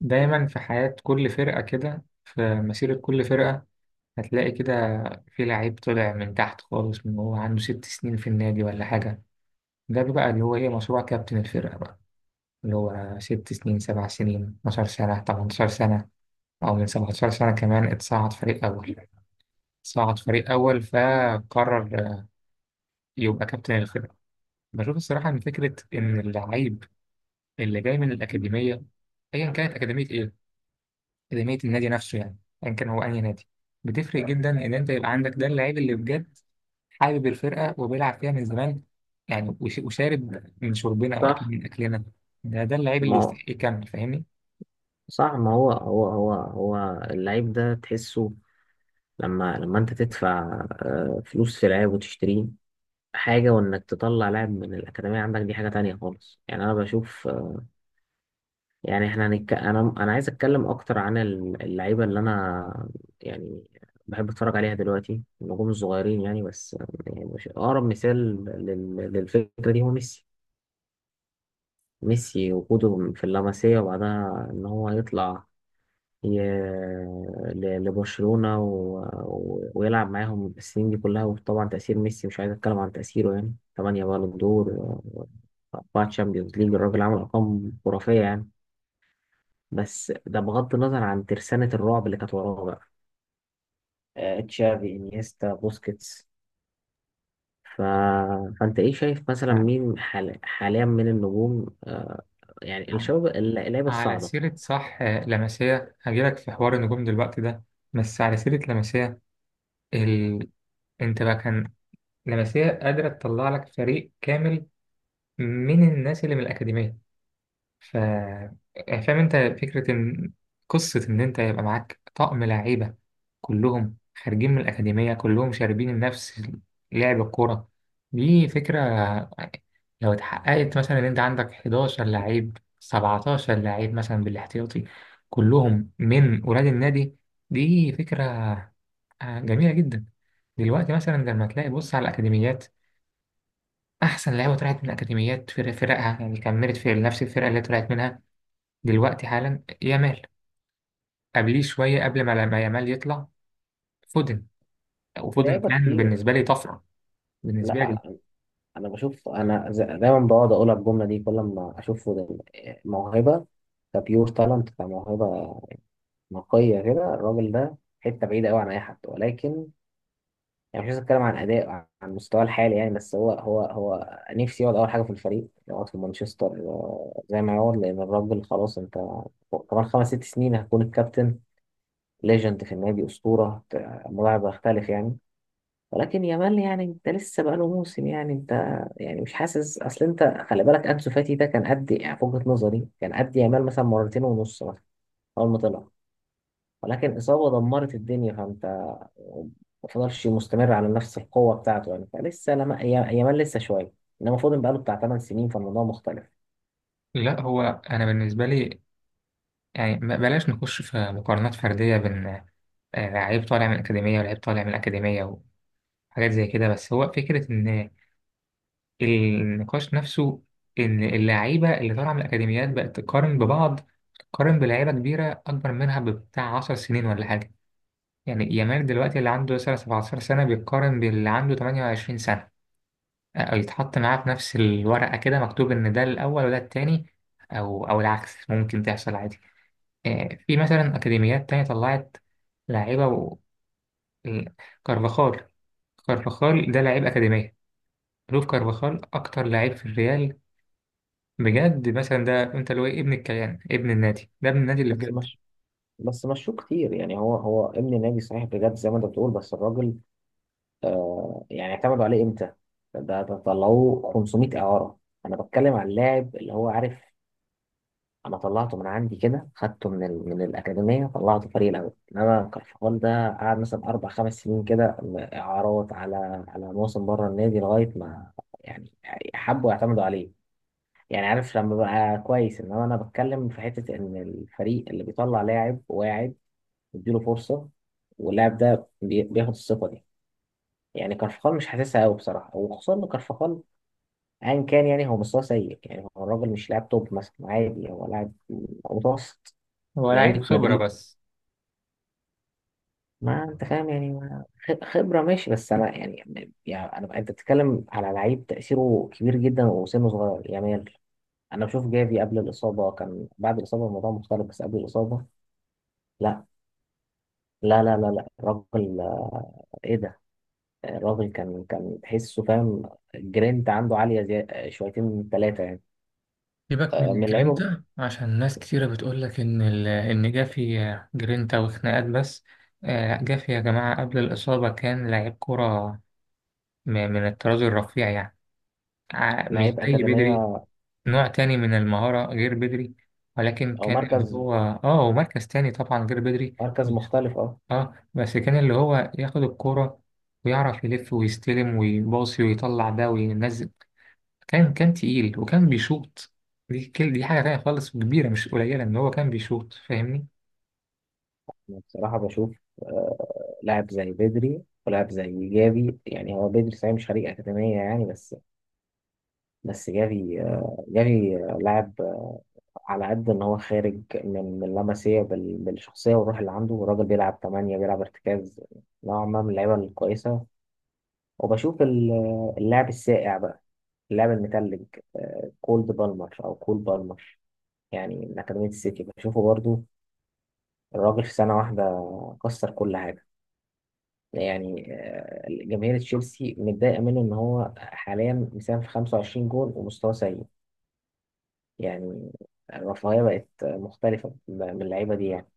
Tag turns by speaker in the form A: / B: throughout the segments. A: دايما في حياة كل فرقة كده في مسيرة كل فرقة هتلاقي كده في لعيب طلع من تحت خالص، من هو عنده 6 سنين في النادي ولا حاجة. ده بقى اللي هو ايه مشروع كابتن الفرقة بقى، اللي هو 6 سنين 7 سنين 12 سنة 18 سنة، أو من 17 سنة كمان اتصعد فريق أول. صعد فريق أول فقرر يبقى كابتن الفرقة. بشوف الصراحة إن فكرة إن اللعيب اللي جاي من الأكاديمية، أيا كانت أكاديمية إيه، اكاديميه النادي نفسه يعني، ايا كان هو اي نادي، بتفرق جدا ان انت يبقى عندك ده اللعيب اللي بجد حابب الفرقه وبيلعب فيها من زمان. يعني وشارب من شربنا واكل
B: صح
A: من اكلنا، ده ده اللعيب اللي
B: ما هو
A: يستحق يكمل، فاهمني؟
B: صح ما هو هو هو هو اللعيب ده تحسه. لما انت تدفع فلوس في لعيب وتشتريه حاجة، وانك تطلع لاعب من الأكاديمية عندك دي حاجة تانية خالص. يعني انا بشوف يعني احنا انا عايز اتكلم اكتر عن اللعيبة اللي انا يعني بحب اتفرج عليها دلوقتي، النجوم الصغيرين يعني. بس يعني اقرب مثال للفكرة دي هو ميسي. ميسي وجوده في اللمسية وبعدها ان هو يطلع ي- لبرشلونة ويلعب معاهم السنين دي كلها. وطبعا تأثير ميسي مش عايز أتكلم عن تأثيره، يعني 8 بالون دور و4 تشامبيونز ليج. الراجل عمل أرقام خرافية يعني، بس ده بغض النظر عن ترسانة الرعب اللي كانت وراه بقى، تشافي إنيستا بوسكيتس. ف... فأنت إيه شايف مثلا
A: نعم.
B: مين حاليا من النجوم، يعني
A: نعم.
B: الشباب اللعيبة
A: على
B: الصاعدة؟
A: سيره، صح، لمسيه هجيلك في حوار النجوم دلوقتي ده. بس على سيره لمسيه، ال... انت بقى كان لمسيه قادره تطلع لك فريق كامل من الناس اللي من الاكاديميه. ف يعني فاهم انت فكرة ان قصة ان انت يبقى معاك طقم لعيبة كلهم خارجين من الأكاديمية، كلهم شاربين نفس لعب الكورة. دي فكرة لو اتحققت، مثلا ان انت عندك 11 لعيب 17 لعيب مثلا بالاحتياطي كلهم من ولاد النادي، دي فكرة جميلة جدا. دلوقتي مثلا لما تلاقي، بص على الأكاديميات، أحسن لعيبة طلعت من الأكاديميات في فرقها يعني كملت في نفس الفرقة اللي طلعت منها. دلوقتي حالا يامال، قبليه شوية قبل ما يامال يطلع فودن. وفودن
B: لعيبه
A: كان
B: كتير.
A: بالنسبة لي طفرة بالنسبة لي.
B: لا، انا بشوف، انا دايما بقعد اقول الجمله دي كل ما اشوف موهبه، كبيور تالنت، كموهبه نقيه كده. الراجل ده حته بعيده قوي عن اي حد، ولكن يعني مش عايز اتكلم عن اداء، عن مستواه الحالي يعني. بس هو نفسي يقعد اول حاجه في الفريق، يقعد في مانشستر زي ما يقعد، لان الراجل خلاص انت كمان خمس ست سنين هكون الكابتن، ليجند في النادي، اسطوره الموضوع هيختلف يعني. ولكن يامال يعني انت لسه بقى له موسم يعني، انت يعني مش حاسس اصل انت. خلي بالك انسو فاتي ده كان قد يعني في وجهة نظري كان قد يامال مثلا مرتين ونص مثلا اول ما طلع، ولكن اصابه دمرت الدنيا فانت ما فضلش مستمر على نفس القوه بتاعته. يعني فلسه لما يامال لسه شويه، انما فودن بقى له بتاع 8 سنين فالموضوع مختلف.
A: لا هو، أنا بالنسبة لي يعني بلاش نخش في مقارنات فردية بين لعيب طالع من الأكاديمية ولعيب طالع من الأكاديمية وحاجات زي كده. بس هو فكرة إن النقاش نفسه، إن اللعيبة اللي طالعة من الأكاديميات بقت تقارن ببعض، تقارن بلعيبة كبيرة أكبر منها بتاع 10 سنين ولا حاجة. يعني يامال دلوقتي اللي عنده مثلا 17 سنة بيتقارن باللي عنده 28 سنة، أو يتحط معاه في نفس الورقة كده مكتوب إن ده الأول وده التاني، أو العكس ممكن تحصل عادي. في مثلا أكاديميات تانية طلعت لاعيبة ال- كارفاخال. كارفاخال ده لاعب أكاديمية. لوف كارفاخال أكتر لاعب في الريال بجد مثلا، ده أنت اللي هو ابن الكيان، ابن النادي، ده ابن النادي اللي
B: بس
A: بجد.
B: مش بس مشوه كتير يعني. هو ابن نادي صحيح بجد زي ما انت بتقول، بس الراجل آه، يعني اعتمدوا عليه امتى؟ ده طلعوه 500 اعاره. انا بتكلم عن اللاعب اللي هو عارف انا طلعته من عندي كده، خدته من من الاكاديميه طلعته فريق الاول. انما كارفخال ده قعد مثلا اربع خمس سنين كده اعارات، على موسم بره النادي لغايه ما يعني حبوا يعتمدوا عليه. يعني عارف لما بقى كويس، انما انا بتكلم في حته ان الفريق اللي بيطلع لاعب واعد يديله فرصه، واللاعب ده بياخد الثقه دي. يعني كارفخال مش حاسسها قوي بصراحه، وخصوصا ان كارفخال ايا كان يعني هو مستواه سيء، يعني هو الراجل مش لاعب توب مثلا، عادي هو لاعب متوسط.
A: هو لاعب
B: لعيبه
A: خبرة
B: مدريد،
A: بس.
B: ما انت فاهم يعني، خبره ماشي، بس انا يعني، يعني انت بتتكلم على لعيب تاثيره كبير جدا وسنه صغير، يامال. انا بشوف جافي قبل الاصابه كان، بعد الاصابه الموضوع مختلف، بس قبل الاصابه لا، لا الراجل آه، ايه ده، آه، الراجل كان تحسه فاهم، الجرينت عنده عاليه زي آه، شويتين ثلاثه يعني.
A: سيبك من
B: آه، من اللعيبه،
A: الجرينتا عشان ناس كتيرة بتقولك إن إن جافي جرينتا وخناقات بس. جافي يا جماعة قبل الإصابة كان لعيب كرة من الطراز الرفيع يعني. مش
B: لعيب
A: زي بدري،
B: أكاديمية.
A: نوع تاني من المهارة غير بدري. ولكن
B: أو
A: كان اللي
B: مركز،
A: هو هو مركز تاني طبعا غير بدري.
B: مختلف أه.
A: اه بس كان اللي هو ياخد الكرة ويعرف يلف ويستلم ويباصي ويطلع ده وينزل، كان كان تقيل وكان بيشوط، دي كل دي حاجة تانية خالص وكبيرة مش قليلة إن هو كان بيشوط، فاهمني؟
B: أنا بصراحة بشوف لاعب زي بدري ولاعب زي جافي. يعني هو بدري صحيح مش خريج أكاديمية يعني، بس جافي آه، جافي آه، لاعب آه، على قد إن هو خارج من لاماسيا بالشخصية والروح اللي عنده، الراجل بيلعب تمانية بيلعب ارتكاز، نوعا ما من اللعيبة الكويسة. وبشوف آه، اللاعب الساقع بقى، اللاعب المتلج، آه، كولد بالمر أو كول بالمر، يعني من أكاديمية السيتي بشوفه برضو. الراجل في سنة واحدة كسر كل حاجة. يعني آه، جماهير تشيلسي متضايقة منه إن هو حاليا مساهم في 25 جول ومستواه سيء يعني. الرفاهية بقت مختلفة من اللعيبة دي يعني.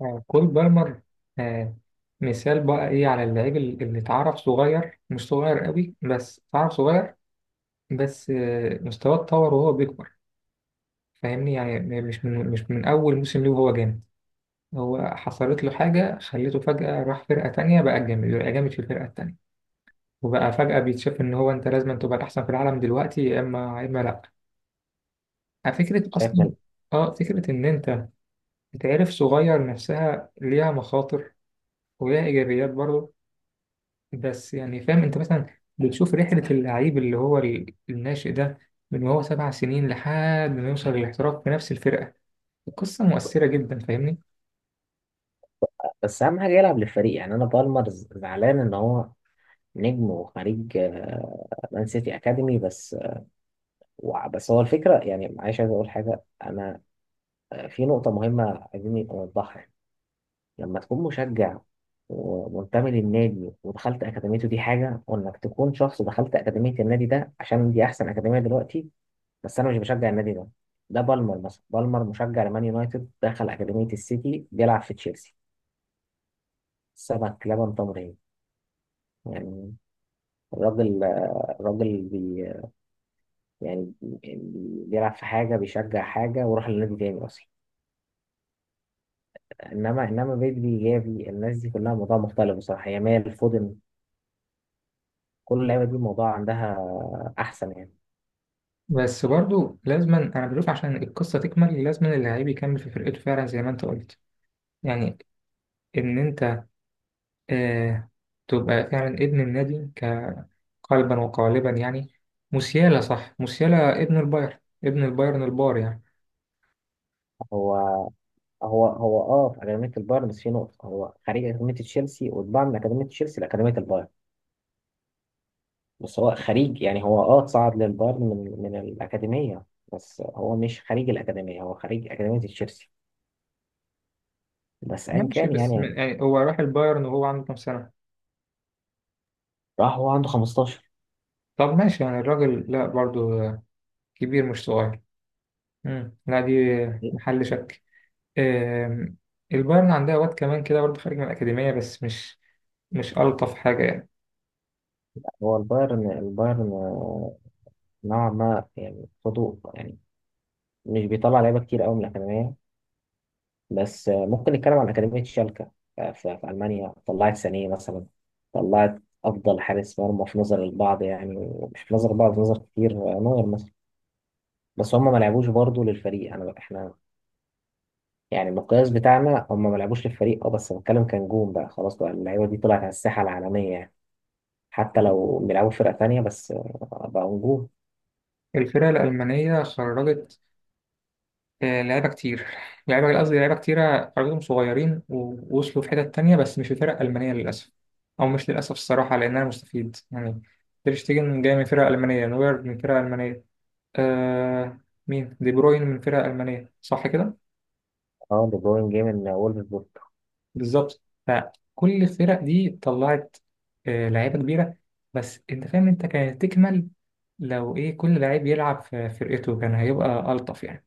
A: كول بالمر آه مثال بقى إيه على اللعيب اللي اتعرف صغير، مش صغير قوي بس اتعرف صغير. بس مستواه اتطور وهو بيكبر، فاهمني؟ يعني مش من أول موسم ليه وهو جامد. هو حصلت له حاجة خليته فجأة راح فرقة تانية بقى جامد، بقى جامد في الفرقة التانية، وبقى فجأة بيتشاف إن هو أنت لازم تبقى الأحسن في العالم دلوقتي، يا إما يا إما لأ. فكرة
B: شايف
A: أصلا،
B: من.
A: فكرة إن أنت تتعرف صغير نفسها ليها مخاطر وليها إيجابيات برضه. بس يعني فاهم أنت مثلا بتشوف رحلة اللعيب اللي هو الناشئ ده من وهو 7 سنين لحد ما يوصل للاحتراف في نفس الفرقة، القصة مؤثرة جدا، فاهمني؟
B: بس أهم حاجة يلعب للفريق. يعني أنا بالمر زعلان إن هو نجم وخريج آه، مان سيتي أكاديمي بس، بس هو الفكرة يعني، معلش عايز أقول حاجة أنا آه، في نقطة مهمة عايزين نوضحها. لما تكون مشجع ومنتمي للنادي ودخلت أكاديميته دي حاجة، وإنك تكون شخص دخلت أكاديمية النادي ده عشان دي أحسن أكاديمية دلوقتي بس أنا مش بشجع النادي ده. ده بالمر مثلا، بالمر مشجع لمان يونايتد، دخل أكاديمية السيتي، بيلعب في تشيلسي، سمك لبن تمر هندي يعني. الراجل، الراجل بي يعني بي- بيلعب في حاجة بيشجع حاجة وراح لنادي تاني أصلا. إنما بيدري، جافي، الناس دي كلها موضوع مختلف بصراحة. يامال، فودن، كل اللعيبه دي الموضوع عندها احسن يعني.
A: بس برضه لازما أنا بشوف عشان القصة تكمل لازما اللعيب يكمل في فرقته فعلا زي ما أنت قلت، يعني إن أنت آه تبقى فعلا ابن النادي قلبا وقالبا يعني. موسيالا، صح، موسيالا ابن البايرن، ابن البايرن البار يعني.
B: هو هو اه في اكاديميه البايرن، بس في نقطه هو خريج اكاديميه تشيلسي، واتباع من اكاديميه تشيلسي لاكاديميه البايرن. بس هو خريج يعني، هو اه صعد للبايرن من الاكاديميه، بس هو مش خريج الاكاديميه، هو خريج اكاديميه تشيلسي. بس ايا
A: ماشي
B: كان
A: بس
B: يعني.
A: من، يعني هو راح البايرن وهو عنده كام سنة؟
B: راح هو عنده 15.
A: طب ماشي يعني الراجل لا برضو كبير مش صغير. مم. لا دي محل شك. آم، البايرن عندها واد كمان كده برضو خارج من الأكاديمية بس مش مش ألطف حاجة يعني.
B: هو البايرن، البايرن آه، نوعا ما يعني، خدوا يعني مش بيطلع لعيبه كتير قوي من الاكاديميه. بس آه، ممكن نتكلم عن أكاديمية شالكة آه، في ألمانيا طلعت سانيه مثلا، طلعت أفضل حارس مرمى في نظر البعض يعني، مش في نظر البعض، في نظر كتير، آه، نوير مثلا. بس هم ما لعبوش برضه للفريق. أنا إحنا يعني المقياس بتاعنا هم ما لعبوش للفريق، أه، بس بتكلم كنجوم بقى خلاص، بقى اللعيبة دي طلعت على الساحة العالمية يعني، حتى لو بيلعبوا فرقة تانية، بس آه، بقوا نجوم.
A: الفرقة الألمانية خرجت لعيبة كتير، لعيبة قصدي لعيبة كتيرة حضرتهم صغيرين ووصلوا في حتت تانية بس مش في فرق ألمانية للأسف، أو مش للأسف الصراحة لأن أنا مستفيد يعني. تير شتيجن جاي من فرقة ألمانية، نوير من فرقة ألمانية، آه مين دي بروين من فرقة ألمانية، صح كده؟
B: أه دي بروين جه من وولفسبورغ.
A: بالظبط. فكل الفرق دي طلعت لعيبة كبيرة، بس أنت فاهم أنت كانت تكمل لو إيه كل لعيب يلعب في فرقته كان هيبقى ألطف يعني.